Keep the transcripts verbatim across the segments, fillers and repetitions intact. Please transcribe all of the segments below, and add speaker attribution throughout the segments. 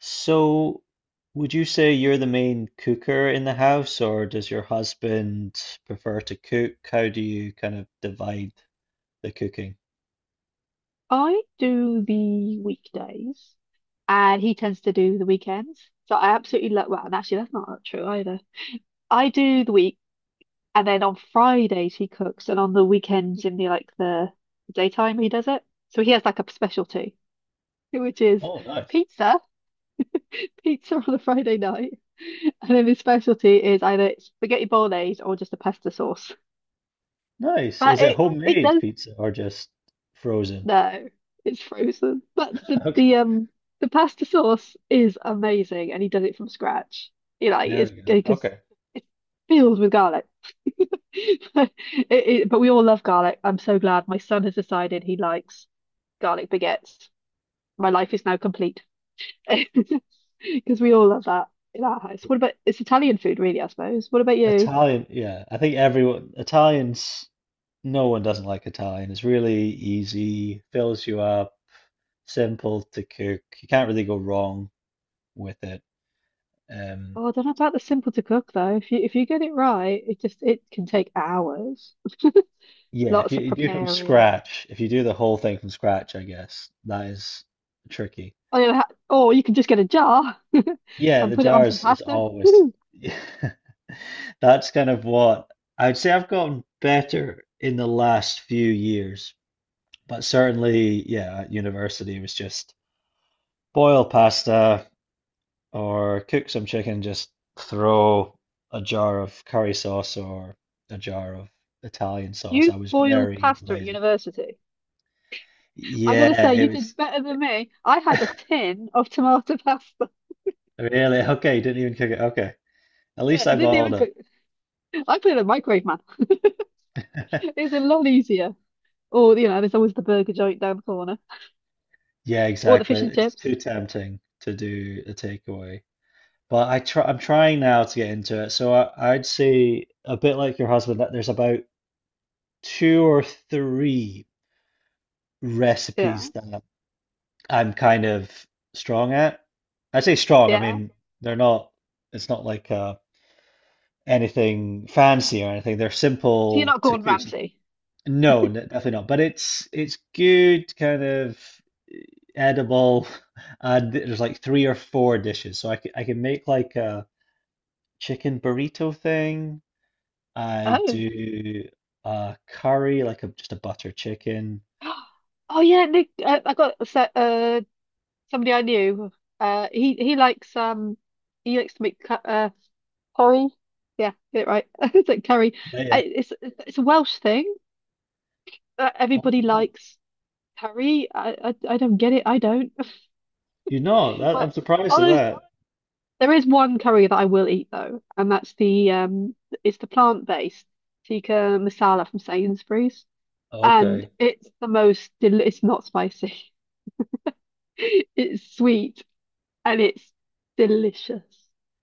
Speaker 1: So, would you say you're the main cooker in the house, or does your husband prefer to cook? How do you kind of divide the cooking?
Speaker 2: I do the weekdays and he tends to do the weekends. So I absolutely love, well, and actually that's not true either. I do the week and then on Fridays he cooks and on the weekends in the like the daytime he does it. So he has like a specialty, which is
Speaker 1: Oh, nice.
Speaker 2: pizza, pizza on a Friday night. And then his specialty is either spaghetti bolognese or just a pasta sauce.
Speaker 1: Nice.
Speaker 2: But
Speaker 1: Is it
Speaker 2: it it
Speaker 1: homemade
Speaker 2: does.
Speaker 1: pizza or just frozen?
Speaker 2: No, it's frozen. But the
Speaker 1: Okay,
Speaker 2: the um the pasta sauce is amazing, and he does it from scratch. You know, like,
Speaker 1: there
Speaker 2: it's
Speaker 1: we go.
Speaker 2: because
Speaker 1: Okay.
Speaker 2: it's filled with garlic. It, it, but we all love garlic. I'm so glad my son has decided he likes garlic baguettes. My life is now complete because we all love that in our house. What about It's Italian food, really, I suppose. What about you?
Speaker 1: Italian, yeah. I think everyone, Italians, no one doesn't like Italian. It's really easy, fills you up, simple to cook. You can't really go wrong with it. Um,
Speaker 2: Oh, I don't know about the simple to cook though. If you if you get it right, it just it can take hours.
Speaker 1: Yeah, if
Speaker 2: Lots
Speaker 1: you,
Speaker 2: of
Speaker 1: you do from
Speaker 2: preparing.
Speaker 1: scratch, if you do the whole thing from scratch, I guess that is tricky.
Speaker 2: Or, you ha- or you can just get a jar
Speaker 1: Yeah,
Speaker 2: and
Speaker 1: the
Speaker 2: put it on some
Speaker 1: jars is
Speaker 2: pasta.
Speaker 1: always.
Speaker 2: Woo!
Speaker 1: That's kind of what I'd say. I've gotten better in the last few years, but certainly, yeah, at university it was just boil pasta or cook some chicken, just throw a jar of curry sauce or a jar of Italian sauce.
Speaker 2: You
Speaker 1: I was
Speaker 2: boiled
Speaker 1: very
Speaker 2: pasta at
Speaker 1: lazy.
Speaker 2: university. I gotta
Speaker 1: Yeah,
Speaker 2: say,
Speaker 1: it
Speaker 2: you
Speaker 1: was.
Speaker 2: did better than me. I had a tin of tomato pasta.
Speaker 1: Really? Okay, you didn't even cook it. Okay. At least I
Speaker 2: It didn't
Speaker 1: balled
Speaker 2: even
Speaker 1: up.
Speaker 2: cook. I put it in the microwave, man. It's a lot easier. Or, you know, there's always the burger joint down the corner.
Speaker 1: Yeah,
Speaker 2: Or the
Speaker 1: exactly.
Speaker 2: fish and
Speaker 1: It's too
Speaker 2: chips.
Speaker 1: tempting to do a takeaway. But I try I'm trying now to get into it. So I, I'd say, a bit like your husband, that there's about two or three
Speaker 2: Yeah.
Speaker 1: recipes that I'm kind of strong at. I say strong, I
Speaker 2: Yeah.
Speaker 1: mean they're not, it's not like uh anything fancy or anything. They're
Speaker 2: So you're
Speaker 1: simple
Speaker 2: not
Speaker 1: to
Speaker 2: Gordon
Speaker 1: cook.
Speaker 2: Ramsay.
Speaker 1: No, n- definitely not. But it's it's good, kind of edible. Uh, there's like three or four dishes, so I could I can make like a chicken burrito thing. I
Speaker 2: Oh.
Speaker 1: do a curry, like a, just a butter chicken.
Speaker 2: Oh yeah, Nick. Uh, I got a set, uh somebody I knew. Uh, he he likes um he likes to make cu- uh curry. Yeah, get it right. It's like curry.
Speaker 1: Yeah,
Speaker 2: I,
Speaker 1: yeah.
Speaker 2: it's it's a Welsh thing. Uh,
Speaker 1: Oh
Speaker 2: everybody
Speaker 1: wow.
Speaker 2: likes curry. I, I I don't get it. I don't.
Speaker 1: You know, that I'm
Speaker 2: But
Speaker 1: surprised at
Speaker 2: although
Speaker 1: that.
Speaker 2: there is one curry that I will eat though, and that's the um it's the plant-based tikka masala from Sainsbury's, and
Speaker 1: Okay.
Speaker 2: it's the most del it's not spicy. It's sweet and it's delicious.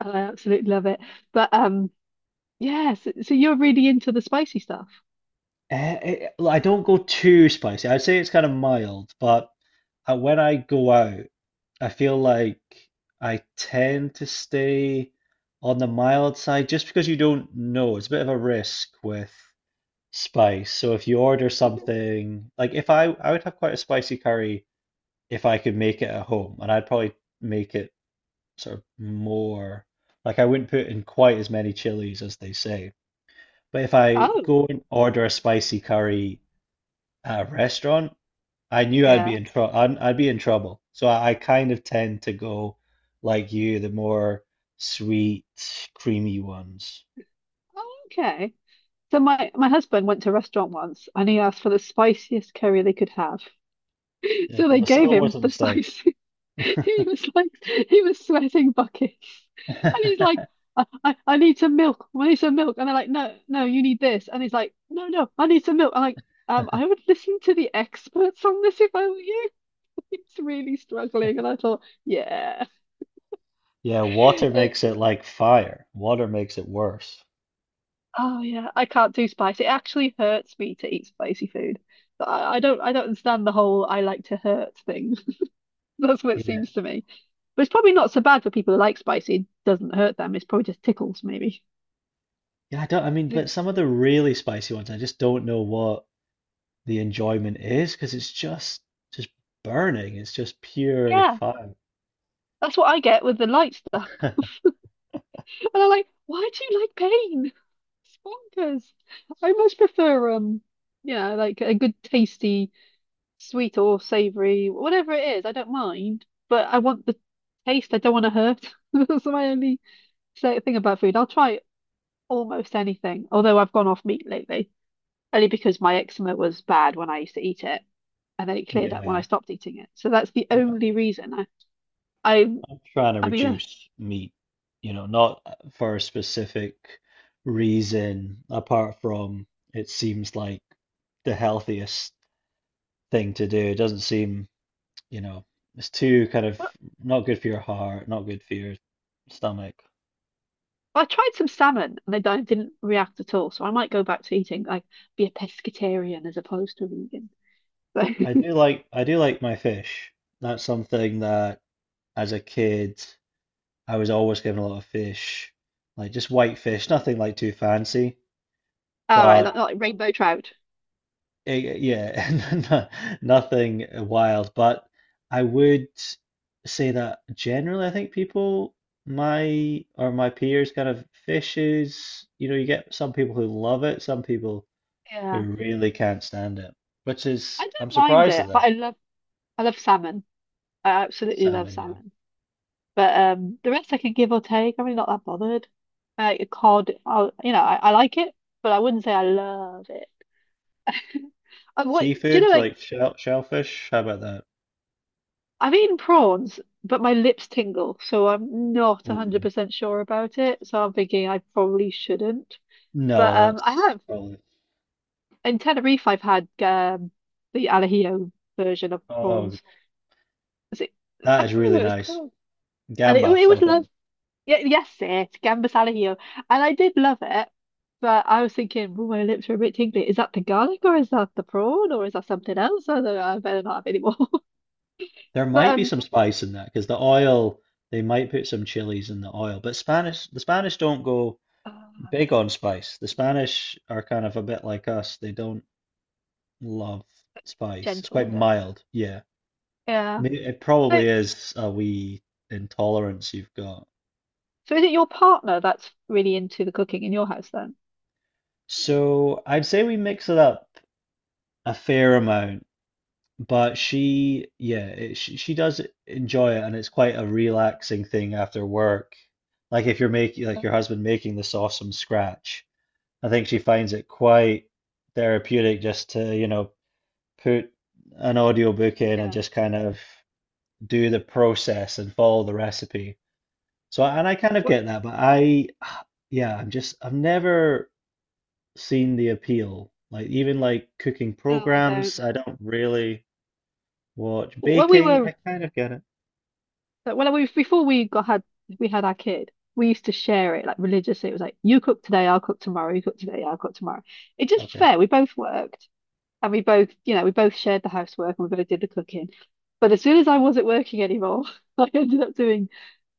Speaker 2: And I absolutely love it. But um yeah, so, so you're really into the spicy stuff.
Speaker 1: Eh, eh, well, I don't go too spicy. I'd say it's kind of mild, but uh, when I go out, I feel like I tend to stay on the mild side just because you don't know. It's a bit of a risk with spice. So if you order something, like if I I would have quite a spicy curry if I could make it at home, and I'd probably make it sort of more, like, I wouldn't put in quite as many chilies as they say. But if I
Speaker 2: Oh.
Speaker 1: go and order a spicy curry at a restaurant, I knew I'd be
Speaker 2: Yeah.
Speaker 1: in trouble. I'd, I'd be in trouble. So I, I kind of tend to go like you, the more sweet, creamy ones.
Speaker 2: Oh, okay. So my my husband went to a restaurant once and he asked for the spiciest curry they could have.
Speaker 1: Yeah,
Speaker 2: So
Speaker 1: it's a
Speaker 2: they
Speaker 1: mis-
Speaker 2: gave
Speaker 1: always
Speaker 2: him
Speaker 1: a
Speaker 2: the
Speaker 1: mistake.
Speaker 2: spice. He was like he was sweating buckets. And he's like, I, I, I need some milk. I need some milk. And they're like, no, no, you need this. And he's like, no, no, I need some milk. I'm like, um, I would listen to the experts on this if I were you. He's really struggling. And I thought, yeah.
Speaker 1: Yeah, water makes it like fire. Water makes it worse.
Speaker 2: Oh yeah, I can't do spice. It actually hurts me to eat spicy food. But I, I don't I don't understand the whole I like to hurt thing. That's what it seems
Speaker 1: Yeah.
Speaker 2: to me. But it's probably not so bad for people who like spicy. It doesn't hurt them. It's probably just tickles maybe.
Speaker 1: Yeah, I don't, I mean,
Speaker 2: But
Speaker 1: but some of the really spicy ones, I just don't know what the enjoyment is, because it's just just burning. It's just pure
Speaker 2: yeah,
Speaker 1: fire.
Speaker 2: that's what I get with the light stuff. And I'm like, why do you like pain? It's bonkers. I much prefer um, you know, like a good tasty sweet or savory, whatever it is. I don't mind, but I want the taste. I don't want to hurt. That's my only. So the thing about food, I'll try almost anything. Although I've gone off meat lately, only because my eczema was bad when I used to eat it, and then it cleared up when I
Speaker 1: Yeah.
Speaker 2: stopped eating it. So that's the
Speaker 1: And I-
Speaker 2: only reason. I, I,
Speaker 1: I'm trying to
Speaker 2: I mean, uh,
Speaker 1: reduce meat, you know, not for a specific reason apart from it seems like the healthiest thing to do. It doesn't seem. You know, it's too kind of
Speaker 2: well,
Speaker 1: not good for your heart, not good for your stomach.
Speaker 2: I tried some salmon and they don't didn't react at all. So I might go back to eating like be a pescatarian as opposed to a vegan.
Speaker 1: I
Speaker 2: So,
Speaker 1: do like I do like my fish. That's something that as a kid I was always given a lot of fish, like just white fish, nothing like too fancy,
Speaker 2: all right, not,
Speaker 1: but
Speaker 2: not like rainbow trout.
Speaker 1: it, yeah, no- nothing wild. But I would say that generally, I think people my or my peers kind of fishes. You know, you get some people who love it, some people who
Speaker 2: Yeah,
Speaker 1: really can't stand it, which is,
Speaker 2: I
Speaker 1: I'm
Speaker 2: don't mind
Speaker 1: surprised at
Speaker 2: it, but
Speaker 1: that.
Speaker 2: I love, I love salmon. I absolutely love
Speaker 1: Salmon, yeah.
Speaker 2: salmon. But um, the rest I can give or take. I'm really not that bothered. Uh, cod, I, will, you know, I, I like it, but I wouldn't say I love it. I, what do you
Speaker 1: Seafood,
Speaker 2: know? Like
Speaker 1: like shell, shellfish, how about that?
Speaker 2: I've eaten prawns, but my lips tingle, so I'm not
Speaker 1: Ooh.
Speaker 2: one hundred percent sure about it. So I'm thinking I probably shouldn't. But
Speaker 1: No,
Speaker 2: um, I
Speaker 1: that's
Speaker 2: have
Speaker 1: probably,
Speaker 2: in Tenerife. I've had um, the al version of
Speaker 1: oh,
Speaker 2: prawns. Is it-
Speaker 1: that
Speaker 2: I can't
Speaker 1: is
Speaker 2: remember
Speaker 1: really
Speaker 2: what it was
Speaker 1: nice.
Speaker 2: called, and it it
Speaker 1: Gambas, I
Speaker 2: was.
Speaker 1: think.
Speaker 2: Yeah, yes, it Gambas al ajillo, and I did love it, but I was thinking, oh, my lips are a bit tingly. Is that the garlic or is that the prawn or is that something else? I don't know. I better not have any more.
Speaker 1: There
Speaker 2: But
Speaker 1: might be
Speaker 2: um,
Speaker 1: some spice in that because the oil, they might put some chilies in the oil, but Spanish, the Spanish don't go
Speaker 2: ah,
Speaker 1: big on spice. The Spanish are kind of a bit like us. They don't love spice. It's
Speaker 2: gentle
Speaker 1: quite
Speaker 2: with it.
Speaker 1: mild, yeah. I
Speaker 2: Yeah.
Speaker 1: mean, it
Speaker 2: So,
Speaker 1: probably is a wee intolerance you've got.
Speaker 2: so is it your partner that's really into the cooking in your house then?
Speaker 1: So I'd say we mix it up a fair amount, but she, yeah, it, she, she does enjoy it, and it's quite a relaxing thing after work. Like if you're making, like
Speaker 2: Oh,
Speaker 1: your husband making the sauce from scratch, I think she finds it quite therapeutic just to, you know, put an audiobook in and
Speaker 2: yeah.
Speaker 1: just kind of do the process and follow the recipe. So, and I kind of
Speaker 2: What?
Speaker 1: get that, but I, yeah, I'm just, I've never seen the appeal. Like even like cooking
Speaker 2: No, I
Speaker 1: programs,
Speaker 2: don't.
Speaker 1: I don't really watch.
Speaker 2: When we
Speaker 1: Baking
Speaker 2: were,
Speaker 1: I kind of get it.
Speaker 2: when we before we got had we had our kid, we used to share it like religiously. It was like you cook today, I'll cook tomorrow. You cook today, I'll cook tomorrow. It just
Speaker 1: Okay.
Speaker 2: fair. We both worked. And we both, you know, we both shared the housework and we both did the cooking. But as soon as I wasn't working anymore, I ended up doing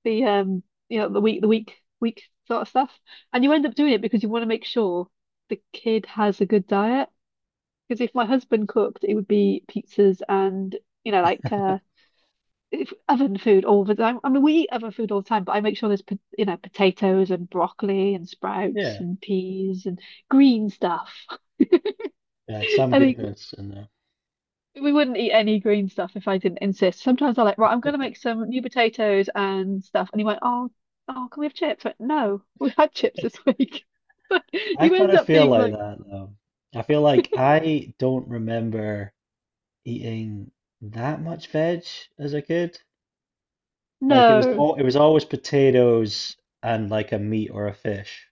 Speaker 2: the um, you know, the week the week week sort of stuff. And you end up doing it because you want to make sure the kid has a good diet. Because if my husband cooked, it would be pizzas and, you know, like uh if- oven food all the time. I mean, we eat oven food all the time, but I make sure there's, po- you know, potatoes and broccoli and sprouts
Speaker 1: Yeah.
Speaker 2: and peas and green stuff.
Speaker 1: Yeah, some
Speaker 2: I mean,
Speaker 1: goodness in there.
Speaker 2: we wouldn't eat any green stuff if I didn't insist. Sometimes I'm like, right, I'm gonna make some new potatoes and stuff. And he went, oh, oh, can we have chips? I went, no, we had chips this week. Like,
Speaker 1: I
Speaker 2: you
Speaker 1: kind
Speaker 2: end
Speaker 1: of
Speaker 2: up
Speaker 1: feel
Speaker 2: being
Speaker 1: like
Speaker 2: like,
Speaker 1: that though. I feel like I don't remember eating that much veg as a kid. Like it was
Speaker 2: no,
Speaker 1: all it was always potatoes and like a meat or a fish.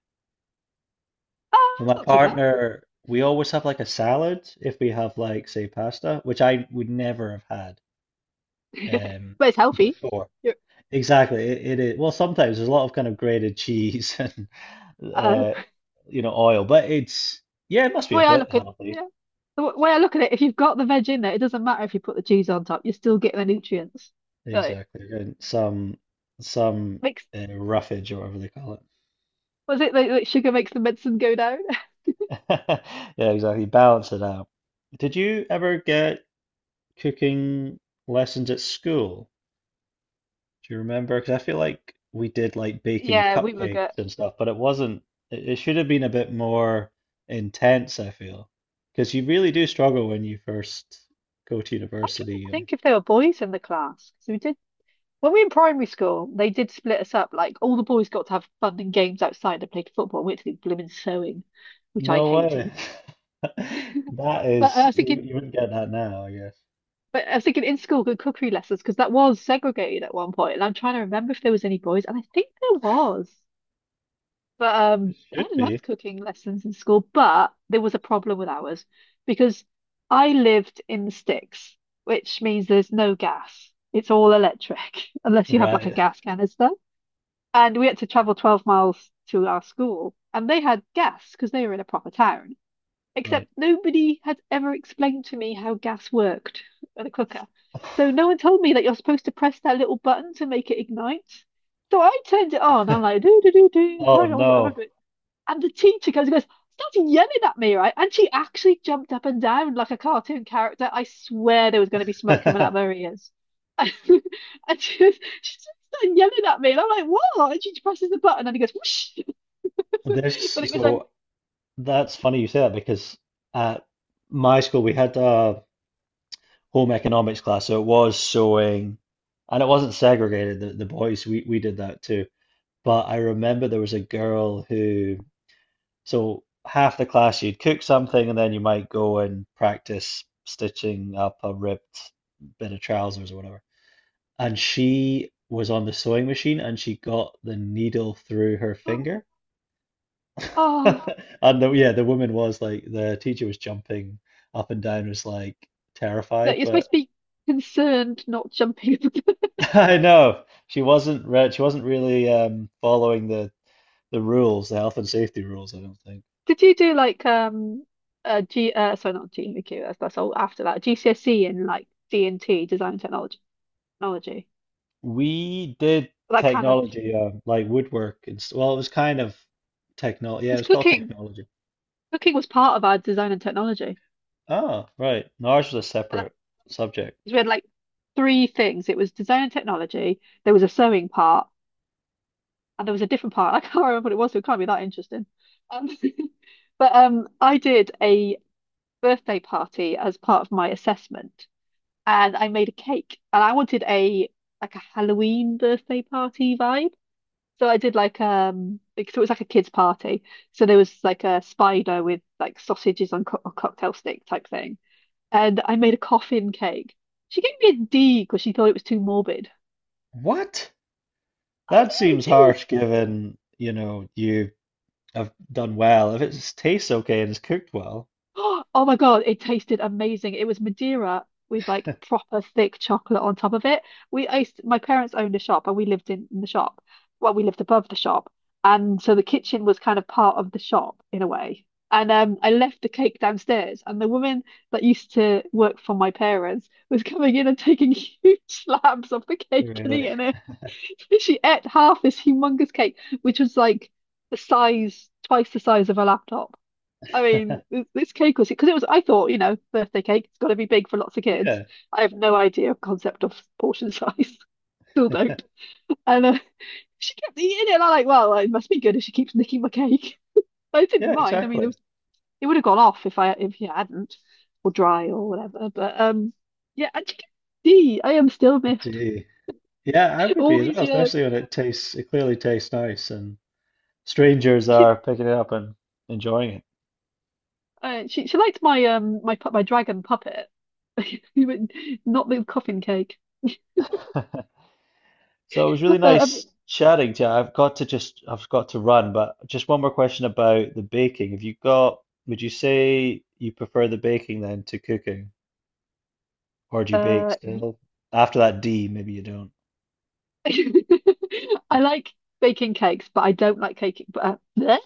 Speaker 2: oh,
Speaker 1: But
Speaker 2: it's
Speaker 1: my
Speaker 2: not too bad.
Speaker 1: partner, we always have like a salad if we have like say pasta, which I would never have had um
Speaker 2: But it's healthy.
Speaker 1: before.
Speaker 2: You're,
Speaker 1: Exactly. It, it is. Well, sometimes there's a lot of kind of grated cheese and
Speaker 2: uh, the
Speaker 1: uh, you know, oil, but it's, yeah, it must be a
Speaker 2: way I
Speaker 1: bit
Speaker 2: look at,
Speaker 1: healthy.
Speaker 2: yeah, the w- way I look at it, if you've got the veg in there, it doesn't matter if you put the cheese on top. You're still getting the nutrients. Like,
Speaker 1: Exactly. And some some
Speaker 2: makes
Speaker 1: uh, roughage or whatever they call it.
Speaker 2: was it like, like sugar makes the medicine go down?
Speaker 1: Yeah, exactly. Balance it out. Did you ever get cooking lessons at school? Do you remember? Because I feel like we did like baking
Speaker 2: Yeah, we were good.
Speaker 1: cupcakes and stuff, but it wasn't, it, it should have been a bit more intense, I feel. Because you really do struggle when you first go to
Speaker 2: I'm trying to
Speaker 1: university. uh,
Speaker 2: think if there were boys in the class. So we did. When we were in primary school, they did split us up. Like all the boys got to have fun and games outside and played football. We had to do blooming sewing, which I
Speaker 1: No way.
Speaker 2: hated.
Speaker 1: That
Speaker 2: But uh,
Speaker 1: is,
Speaker 2: I was
Speaker 1: you,
Speaker 2: thinking,
Speaker 1: you wouldn't get that now, I guess.
Speaker 2: but I was thinking in school, good cookery lessons because that was segregated at one point. And I'm trying to remember if there was any boys, and I think there was. But
Speaker 1: It
Speaker 2: um, I
Speaker 1: should be.
Speaker 2: loved cooking lessons in school, but there was a problem with ours because I lived in the sticks, which means there's no gas. It's all electric unless you have like a
Speaker 1: Right,
Speaker 2: gas canister. And we had to travel 12 miles to our school. And they had gas because they were in a proper town. Except
Speaker 1: right.
Speaker 2: nobody had ever explained to me how gas worked at a cooker. So no one told me that you're supposed to press that little button to make it ignite. So I turned it on. I'm like, do, do, do, do,
Speaker 1: Oh
Speaker 2: carry on with whatever I'm
Speaker 1: no.
Speaker 2: doing. And the teacher comes and goes, started yelling at me, right? And she actually jumped up and down like a cartoon character. I swear there was going to be smoke coming out of her ears. And she, was, she just started yelling at me, and I'm like, "What?" And she presses the button, and he goes, "Whoosh!"
Speaker 1: This,
Speaker 2: But it was like,
Speaker 1: so that's funny you say that because at my school we had a home economics class, so it was sewing, and it wasn't segregated. The, the boys, we, we did that too. But I remember there was a girl who, so half the class you'd cook something, and then you might go and practice stitching up a ripped bit of trousers or whatever. And she was on the sewing machine, and she got the needle through her
Speaker 2: "Oh,
Speaker 1: finger.
Speaker 2: oh,
Speaker 1: And the, yeah, the woman was like, the teacher was jumping up and down, was like
Speaker 2: that
Speaker 1: terrified,
Speaker 2: you're supposed
Speaker 1: but
Speaker 2: to be concerned, not jumping."
Speaker 1: I know she wasn't re she wasn't really um, following the the rules, the health and safety rules, I don't think.
Speaker 2: Did you do like um uh G uh sorry, not G M Q, that's that's all after that G C S E in like D and T design and technology technology
Speaker 1: We did
Speaker 2: that kind of
Speaker 1: technology, uh, like woodwork and s- well, it was kind of technology. Yeah, it
Speaker 2: it's
Speaker 1: was called
Speaker 2: cooking.
Speaker 1: technology.
Speaker 2: Cooking was part of our design and technology.
Speaker 1: Oh, right. No, ours was a
Speaker 2: And that,
Speaker 1: separate subject.
Speaker 2: 'cause we had like three things. It was design and technology, there was a sewing part, and there was a different part. I can't remember what it was, so it can't be that interesting. Um, but um, I did a birthday party as part of my assessment, and I made a cake, and I wanted a like a Halloween birthday party vibe. So I did like um, like, so it was like a kids' party. So there was like a spider with like sausages on co or cocktail stick type thing. And I made a coffin cake. She gave me a D because she thought it was too morbid.
Speaker 1: What?
Speaker 2: I
Speaker 1: That
Speaker 2: know,
Speaker 1: seems
Speaker 2: it was.
Speaker 1: harsh given, you know, you have done well. If it tastes okay and it's cooked well,
Speaker 2: Oh my God, it tasted amazing. It was Madeira with like proper thick chocolate on top of it. We I used My parents owned a shop and we lived in, in the shop. Well, we lived above the shop. And so the kitchen was kind of part of the shop in a way. And um, I left the cake downstairs, and the woman that used to work for my parents was coming in and taking huge slabs of the cake and
Speaker 1: really.
Speaker 2: eating it. She ate half this humongous cake, which was like the size, twice the size of a laptop. I mean, this, this cake was because it was. I thought, you know, birthday cake, it's got to be big for lots of kids.
Speaker 1: Yeah,
Speaker 2: I have no idea of concept of portion size. Still don't. And uh, she kept eating it, and I'm like, well, it must be good if she keeps nicking my cake. But I didn't
Speaker 1: yeah,
Speaker 2: mind. I mean, it
Speaker 1: exactly.
Speaker 2: was it would have gone off if I if you hadn't, or dry or whatever. But um, yeah, and she kept- gee, I am still miffed
Speaker 1: Gee. Yeah, I would
Speaker 2: all
Speaker 1: be as
Speaker 2: these
Speaker 1: well,
Speaker 2: years.
Speaker 1: especially when it tastes, it clearly tastes nice and strangers
Speaker 2: She
Speaker 1: are picking it up and enjoying
Speaker 2: uh, she she liked my um my pu- my dragon puppet, not the coffin cake.
Speaker 1: it. So it was
Speaker 2: Uh,
Speaker 1: really
Speaker 2: I mean,
Speaker 1: nice chatting to you. I've got to just, I've got to run, but just one more question about the baking. Have you got, would you say you prefer the baking then to cooking? Or do you bake
Speaker 2: uh,
Speaker 1: still? After that D, maybe you don't.
Speaker 2: I like baking cakes, but I don't like caking. But uh, bleh.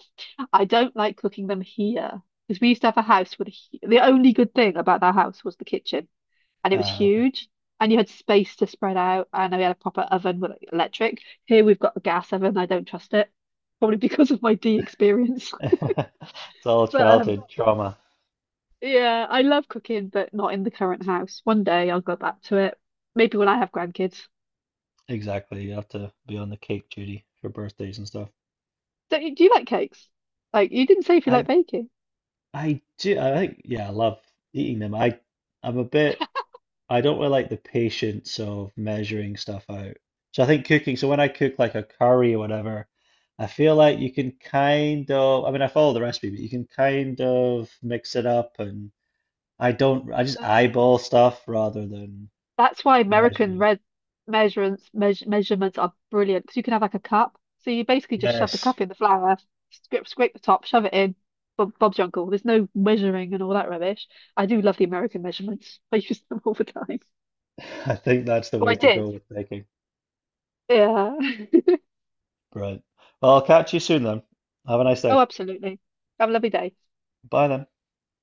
Speaker 2: I don't like cooking them here because we used to have a house with a, hu- the only good thing about that house was the kitchen, and it was
Speaker 1: Uh,
Speaker 2: huge, and you had space to spread out, and we had a proper oven with like, electric. Here we've got a gas oven. I don't trust it, probably because of my D experience.
Speaker 1: it's all
Speaker 2: But um,
Speaker 1: childhood trauma.
Speaker 2: yeah, I love cooking, but not in the current house. One day I'll go back to it. Maybe when I have grandkids.
Speaker 1: Exactly. You have to be on the cake duty for birthdays and stuff.
Speaker 2: Don't you, do you like cakes? Like you didn't say if you like
Speaker 1: I
Speaker 2: baking.
Speaker 1: I do. I think, yeah, I love eating them. I, I'm a bit. I don't really like the patience of measuring stuff out. So I think cooking. So when I cook like a curry or whatever, I feel like you can kind of. I mean, I follow the recipe, but you can kind of mix it up, and I don't. I just
Speaker 2: Um,
Speaker 1: eyeball stuff rather than
Speaker 2: That's why American
Speaker 1: measuring.
Speaker 2: red measurements meas measurements are brilliant because you can have like a cup. So you basically just shove the
Speaker 1: Yes,
Speaker 2: cup in the flour, scrape scrape the top, shove it in. Bob, Bob's your uncle. There's no measuring and all that rubbish. I do love the American measurements. I use them all the time.
Speaker 1: I think that's the
Speaker 2: Well,
Speaker 1: way
Speaker 2: I
Speaker 1: to
Speaker 2: did.
Speaker 1: go with baking.
Speaker 2: Yeah.
Speaker 1: Right. Well, I'll catch you soon then. Have a nice
Speaker 2: Oh,
Speaker 1: day.
Speaker 2: absolutely. Have a lovely day.
Speaker 1: Bye then.